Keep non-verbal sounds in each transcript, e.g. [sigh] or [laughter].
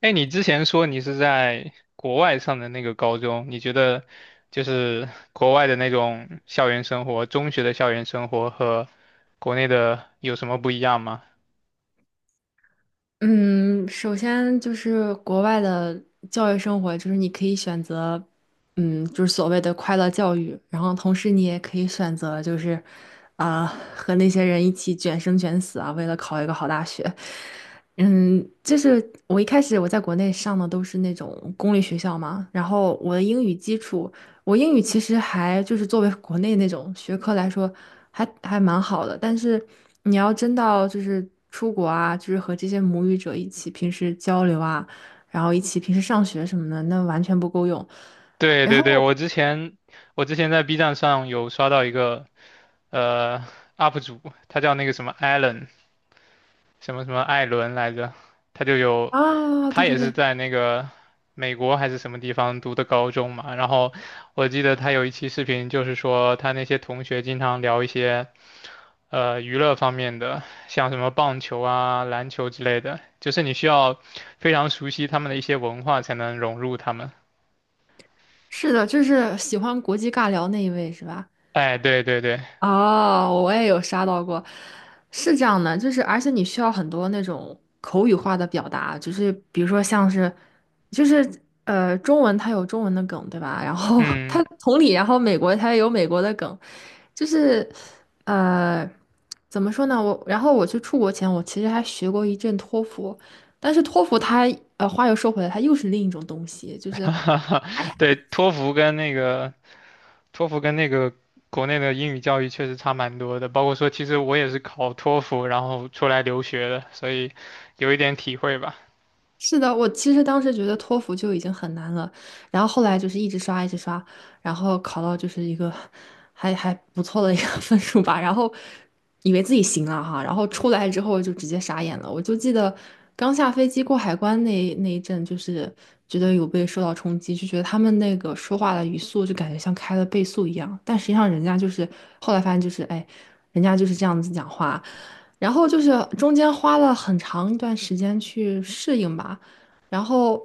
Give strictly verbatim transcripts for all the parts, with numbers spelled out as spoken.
哎，你之前说你是在国外上的那个高中，你觉得就是国外的那种校园生活，中学的校园生活和国内的有什么不一样吗？嗯，首先就是国外的教育生活，就是你可以选择，嗯，就是所谓的快乐教育，然后同时你也可以选择，就是啊、和那些人一起卷生卷死啊，为了考一个好大学。嗯，就是我一开始我在国内上的都是那种公立学校嘛，然后我的英语基础。我英语其实还就是作为国内那种学科来说还，还蛮好的。但是你要真到就是出国啊，就是和这些母语者一起平时交流啊，然后一起平时上学什么的，那完全不够用。对然对后对，我之前我之前在 B 站上有刷到一个呃 U P 主，他叫那个什么 Allen，什么什么艾伦来着，他就有，啊，他对对也是对，在那个美国还是什么地方读的高中嘛。然后我记得他有一期视频，就是说他那些同学经常聊一些呃娱乐方面的，像什么棒球啊、篮球之类的，就是你需要非常熟悉他们的一些文化才能融入他们。是的，就是喜欢国际尬聊那一位是吧？哎，对对对，哦，我也有刷到过，是这样的，就是而且你需要很多那种口语化的表达，就是比如说像是，就是呃，中文它有中文的梗，对吧？然后 [laughs] 它嗯，同理，然后美国它也有美国的梗，就是呃，怎么说呢？我然后我去出国前，我其实还学过一阵托福，但是托福它呃，话又说回来，它又是另一种东西，就是。哎 [laughs] 对，托福跟那个托福跟那个国内的英语教育确实差蛮多的，包括说其实我也是考托福，然后出来留学的，所以有一点体会吧。是的，我其实当时觉得托福就已经很难了，然后后来就是一直刷，一直刷，然后考到就是一个还还不错的一个 [laughs] 分数吧，然后以为自己行了哈，然后出来之后就直接傻眼了。我就记得刚下飞机过海关那那一阵，就是觉得有被受到冲击，就觉得他们那个说话的语速就感觉像开了倍速一样，但实际上人家就是后来发现就是哎，人家就是这样子讲话。然后就是中间花了很长一段时间去适应吧，然后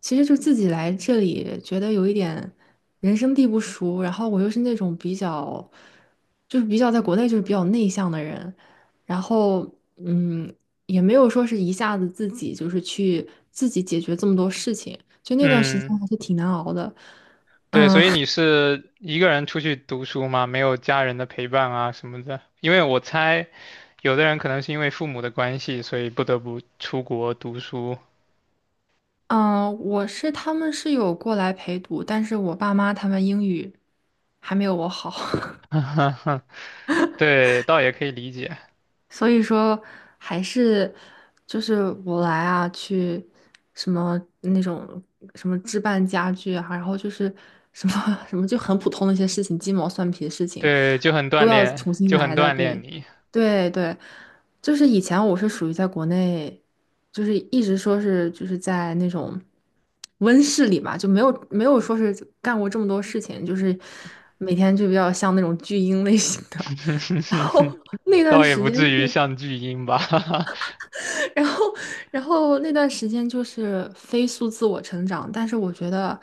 其实就自己来这里觉得有一点人生地不熟，然后我又是那种比较就是比较在国内就是比较内向的人，然后嗯也没有说是一下子自己就是去自己解决这么多事情，就那段时嗯，间还是挺难熬的。对，所以你是一个人出去读书吗？没有家人的陪伴啊什么的？因为我猜，有的人可能是因为父母的关系，所以不得不出国读书。嗯，我是他们是有过来陪读，但是我爸妈他们英语还没有我好。[laughs] 对，倒也可以理解。所以说还是就是我来啊，去什么那种什么置办家具啊，然后就是什么 [laughs] 什么就很普通的一些事情，鸡毛蒜皮的事情对，就很锻都要炼，重新就很来的。锻炼对，你，对对，就是以前我是属于在国内，就是一直说是就是在那种温室里嘛，就没有没有说是干过这么多事情，就是每天就比较像那种巨婴类型的。[laughs] 然后 [laughs] 那段倒也时不间至于是，像巨婴吧。[laughs] 然后，然后那段时间就是飞速自我成长，但是我觉得，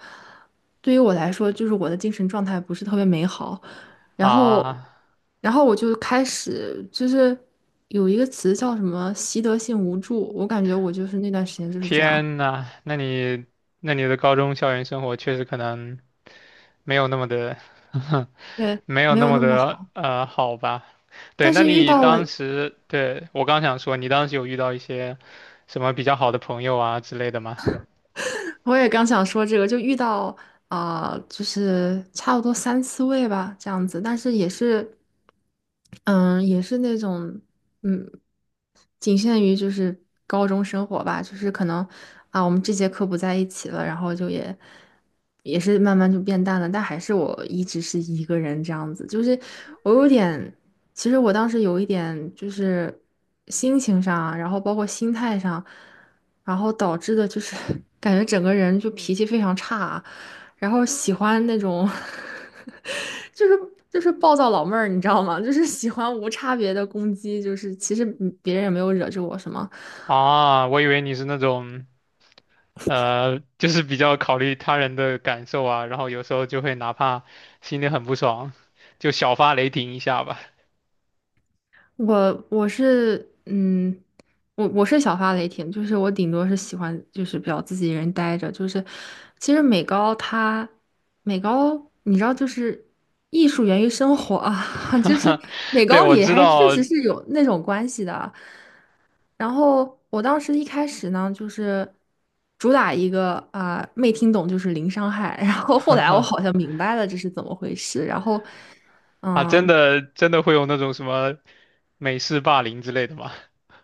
对于我来说，就是我的精神状态不是特别美好。然后，啊，然后我就开始就是有一个词叫什么习得性无助，我感觉我就是那段时间就是这样，天呐，那你那你的高中校园生活确实可能没有那么的，[laughs] 对，没有没那有么那么的好。呃好吧？对，但那是遇你到了，当时，对，我刚想说，你当时有遇到一些什么比较好的朋友啊之类的吗？[laughs] 我也刚想说这个，就遇到啊、就是差不多三四位吧，这样子，但是也是。嗯，也是那种，嗯，仅限于就是高中生活吧，就是可能啊，我们这节课不在一起了，然后就也也是慢慢就变淡了，但还是我一直是一个人这样子，就是我有点，其实我当时有一点就是心情上啊然后包括心态上，然后导致的就是 [laughs] 感觉整个人就脾气非常差啊然后喜欢那种 [laughs] 就是就是暴躁老妹儿，你知道吗？就是喜欢无差别的攻击，就是其实嗯别人也没有惹着我什么，啊，我以为你是那种呃，就是比较考虑他人的感受啊，然后有时候就会哪怕心里很不爽，就小发雷霆一下吧。我我是嗯，我我是小发雷霆，就是我顶多是喜欢就是比较自己一人待着，就是其实美高它美高你知道就是艺术源于生活啊，[laughs] 就是 [laughs] 美对，高我里知还确道，实是有那种关系的。然后我当时一开始呢，就是主打一个啊、没听懂就是零伤害，[laughs] 然后后来我好 [laughs] 像明白了这是怎么回事，然后啊，真嗯、的真的会有那种什么美式霸凌之类的吗？[laughs]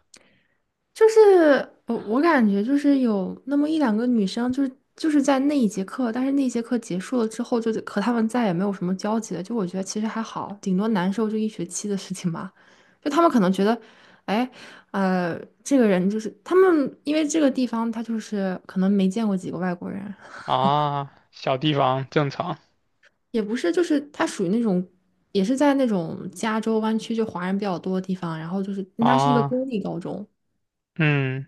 就是我我感觉就是有那么一两个女生，就是就是在那一节课，但是那一节课结束了之后，就和他们再也没有什么交集了。就我觉得其实还好，顶多难受就一学期的事情吧。就他们可能觉得，哎，呃，这个人就是他们，因为这个地方他就是可能没见过几个外国人，啊，小地方正常也不是，就是他属于那种。也是在那种加州湾区，就华人比较多的地方，然后就是它是一个啊，公立高中，嗯，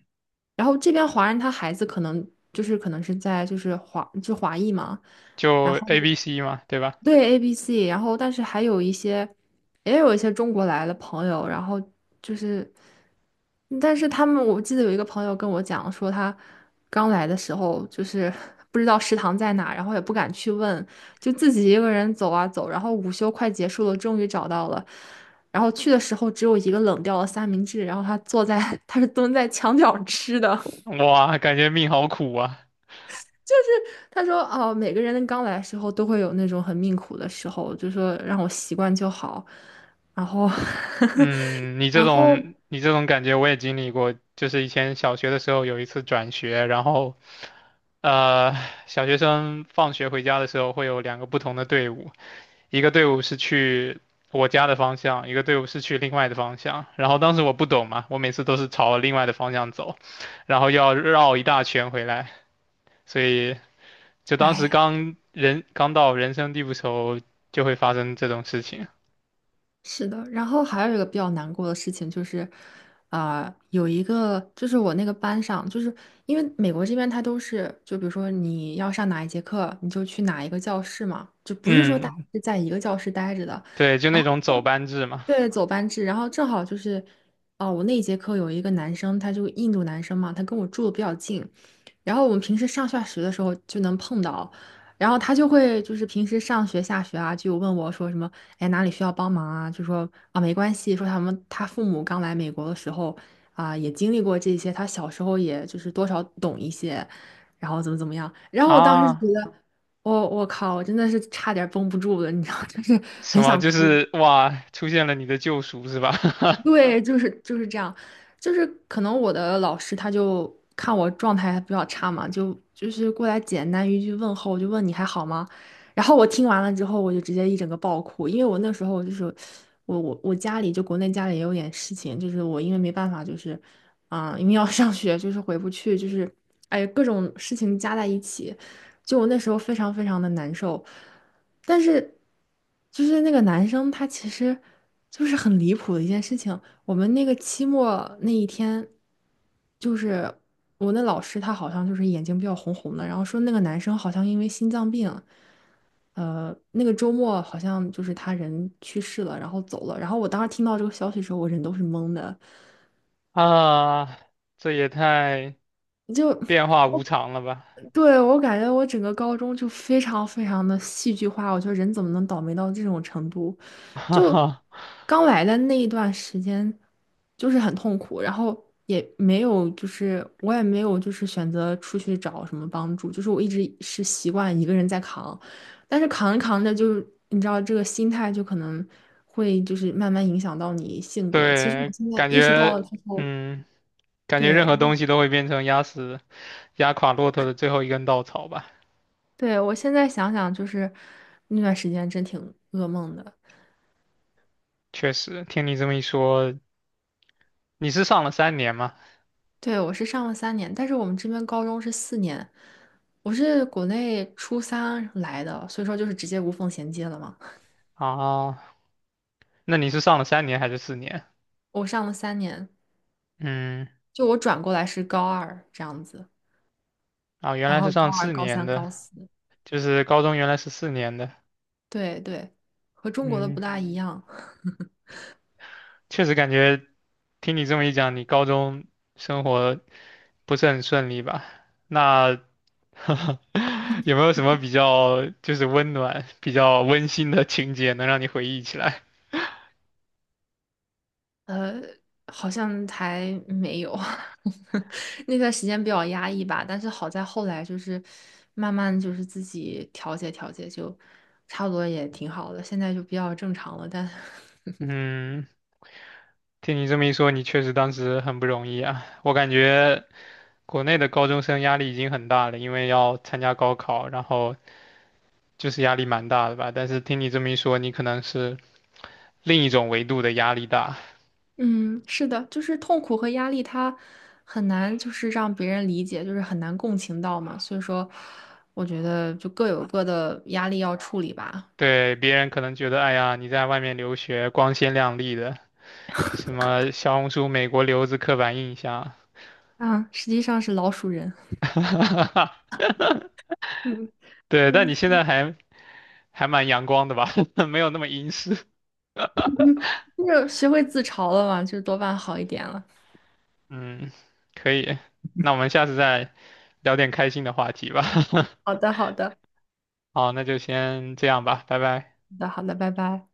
然后这边华人他孩子可能就是可能是在就是华就华裔嘛，然就 后 A B C 嘛，对吧？对 A B C，然后但是还有一些也有一些中国来的朋友，然后就是但是他们我记得有一个朋友跟我讲说他刚来的时候就是 [laughs] 不知道食堂在哪，然后也不敢去问，就自己一个人走啊走，然后午休快结束了，终于找到了。然后去的时候只有一个冷掉的三明治，然后他坐在，[laughs] 他是蹲在墙角吃的。哇，感觉命好苦啊。他说：“哦，每个人刚来的时候都会有那种很命苦的时候，就说让我习惯就好。然后，[laughs] 嗯，你这然后，种你这种感觉我也经历过，就是以前小学的时候有一次转学，然后呃，小学生放学回家的时候会有两个不同的队伍，一个队伍是去我家的方向，一个队伍是去另外的方向。然后当时我不懂嘛，我每次都是朝另外的方向走，然后要绕一大圈回来，所以就当时哎，刚人刚到人生地不熟，就会发生这种事情。是的。然后还有一个比较难过的事情就是，啊、有一个就是我那个班上，就是因为美国这边他都是，就比如说你要上哪一节课，你就去哪一个教室嘛，就不是说大家嗯，是在一个教室待着的。对，就然那后。”种走班制嘛。对，走班制，然后正好就是，哦，我那一节课有一个男生，他就印度男生嘛，他跟我住的比较近，然后我们平时上下学的时候就能碰到，然后他就会就是平时上学下学啊，就问我说什么，哎，哪里需要帮忙啊？就说啊，没关系，说他们他父母刚来美国的时候啊，也经历过这些，他小时候也就是多少懂一些，然后怎么怎么样，然后我当时啊，觉得，我、我靠，我真的是差点绷不住了，你知道，就是什很么？想就哭。是哇，出现了你的救赎是吧？对，就是就是这样，就是可能我的老师他就看我状态比较差嘛，就就是过来简单一句问候，就问你还好吗？然后我听完了之后，我就直接一整个爆哭，因为我那时候就是我我我家里就国内家里也有点事情，就是我因为没办法就是啊、因为要上学就是回不去，就是哎各种事情加在一起，就我那时候非常非常的难受。但是就是那个男生他其实就是很离谱的一件事情。我们那个期末那一天，就是我那老师他好像就是眼睛比较红红的，然后说那个男生好像因为心脏病，呃，那个周末好像就是他人去世了，然后走了。然后我当时听到这个消息的时候，我人都是懵的。[laughs] 啊，这也太就。变化无常了吧！对，我感觉我整个高中就非常非常的戏剧化，我觉得人怎么能倒霉到这种程度？[laughs] 哈就哈。刚来的那一段时间，就是很痛苦，然后也没有，就是我也没有，就是选择出去找什么帮助，就是我一直是习惯一个人在扛，但是扛着扛着就，你知道这个心态就可能会就是慢慢影响到你性格。其实我对，现在感意识到觉，了之后，嗯，感觉任对。何东西都会变成压死、压垮骆驼的最后一根稻草吧。对，我现在想想，就是那段时间真挺噩梦的。确实，听你这么一说，你是上了三年吗？对，我是上了三年，但是我们这边高中是四年，我是国内初三来的，所以说就是直接无缝衔接了嘛。啊，那你是上了三年还是四年？我上了三年，嗯，就我转过来是高二这样子，啊，原然来是后高上二、四高年三、的，高四，就是高中原来是四年的。对对，和中国的不嗯。大一样。确实感觉听你这么一讲，你高中生活不是很顺利吧？那 [laughs] 有没有什么比较就是温暖、比较温馨的情节能让你回忆起来？好像还没有，[laughs] 那段时间比较压抑吧。但是好在后来就是慢慢就是自己调节调节，就差不多也挺好的。现在就比较正常了。但 嗯，听你这么一说，你确实当时很不容易啊。我感觉国内的高中生压力已经很大了，因为要参加高考，然后就是压力蛮大的吧。但是听你这么一说，你可能是另一种维度的压力大。[laughs] 嗯，是的，就是痛苦和压力，它很难就是让别人理解，就是很难共情到嘛。所以说，我觉得就各有各的压力要处理吧。对，别人可能觉得，哎呀，你在外面留学光鲜亮丽的，什么小红书美国留子刻板印象，啊，实际上是老鼠人。[laughs] 嗯对，但嗯，你现在还还蛮阳光的吧，[laughs] 没有那么阴湿。就学会自嘲了嘛，就多半好一点了。嗯，可以，那我们下次再聊点开心的话题吧。好的，好的。[laughs] 好，那就先这样吧，拜拜。好的，好的，拜拜。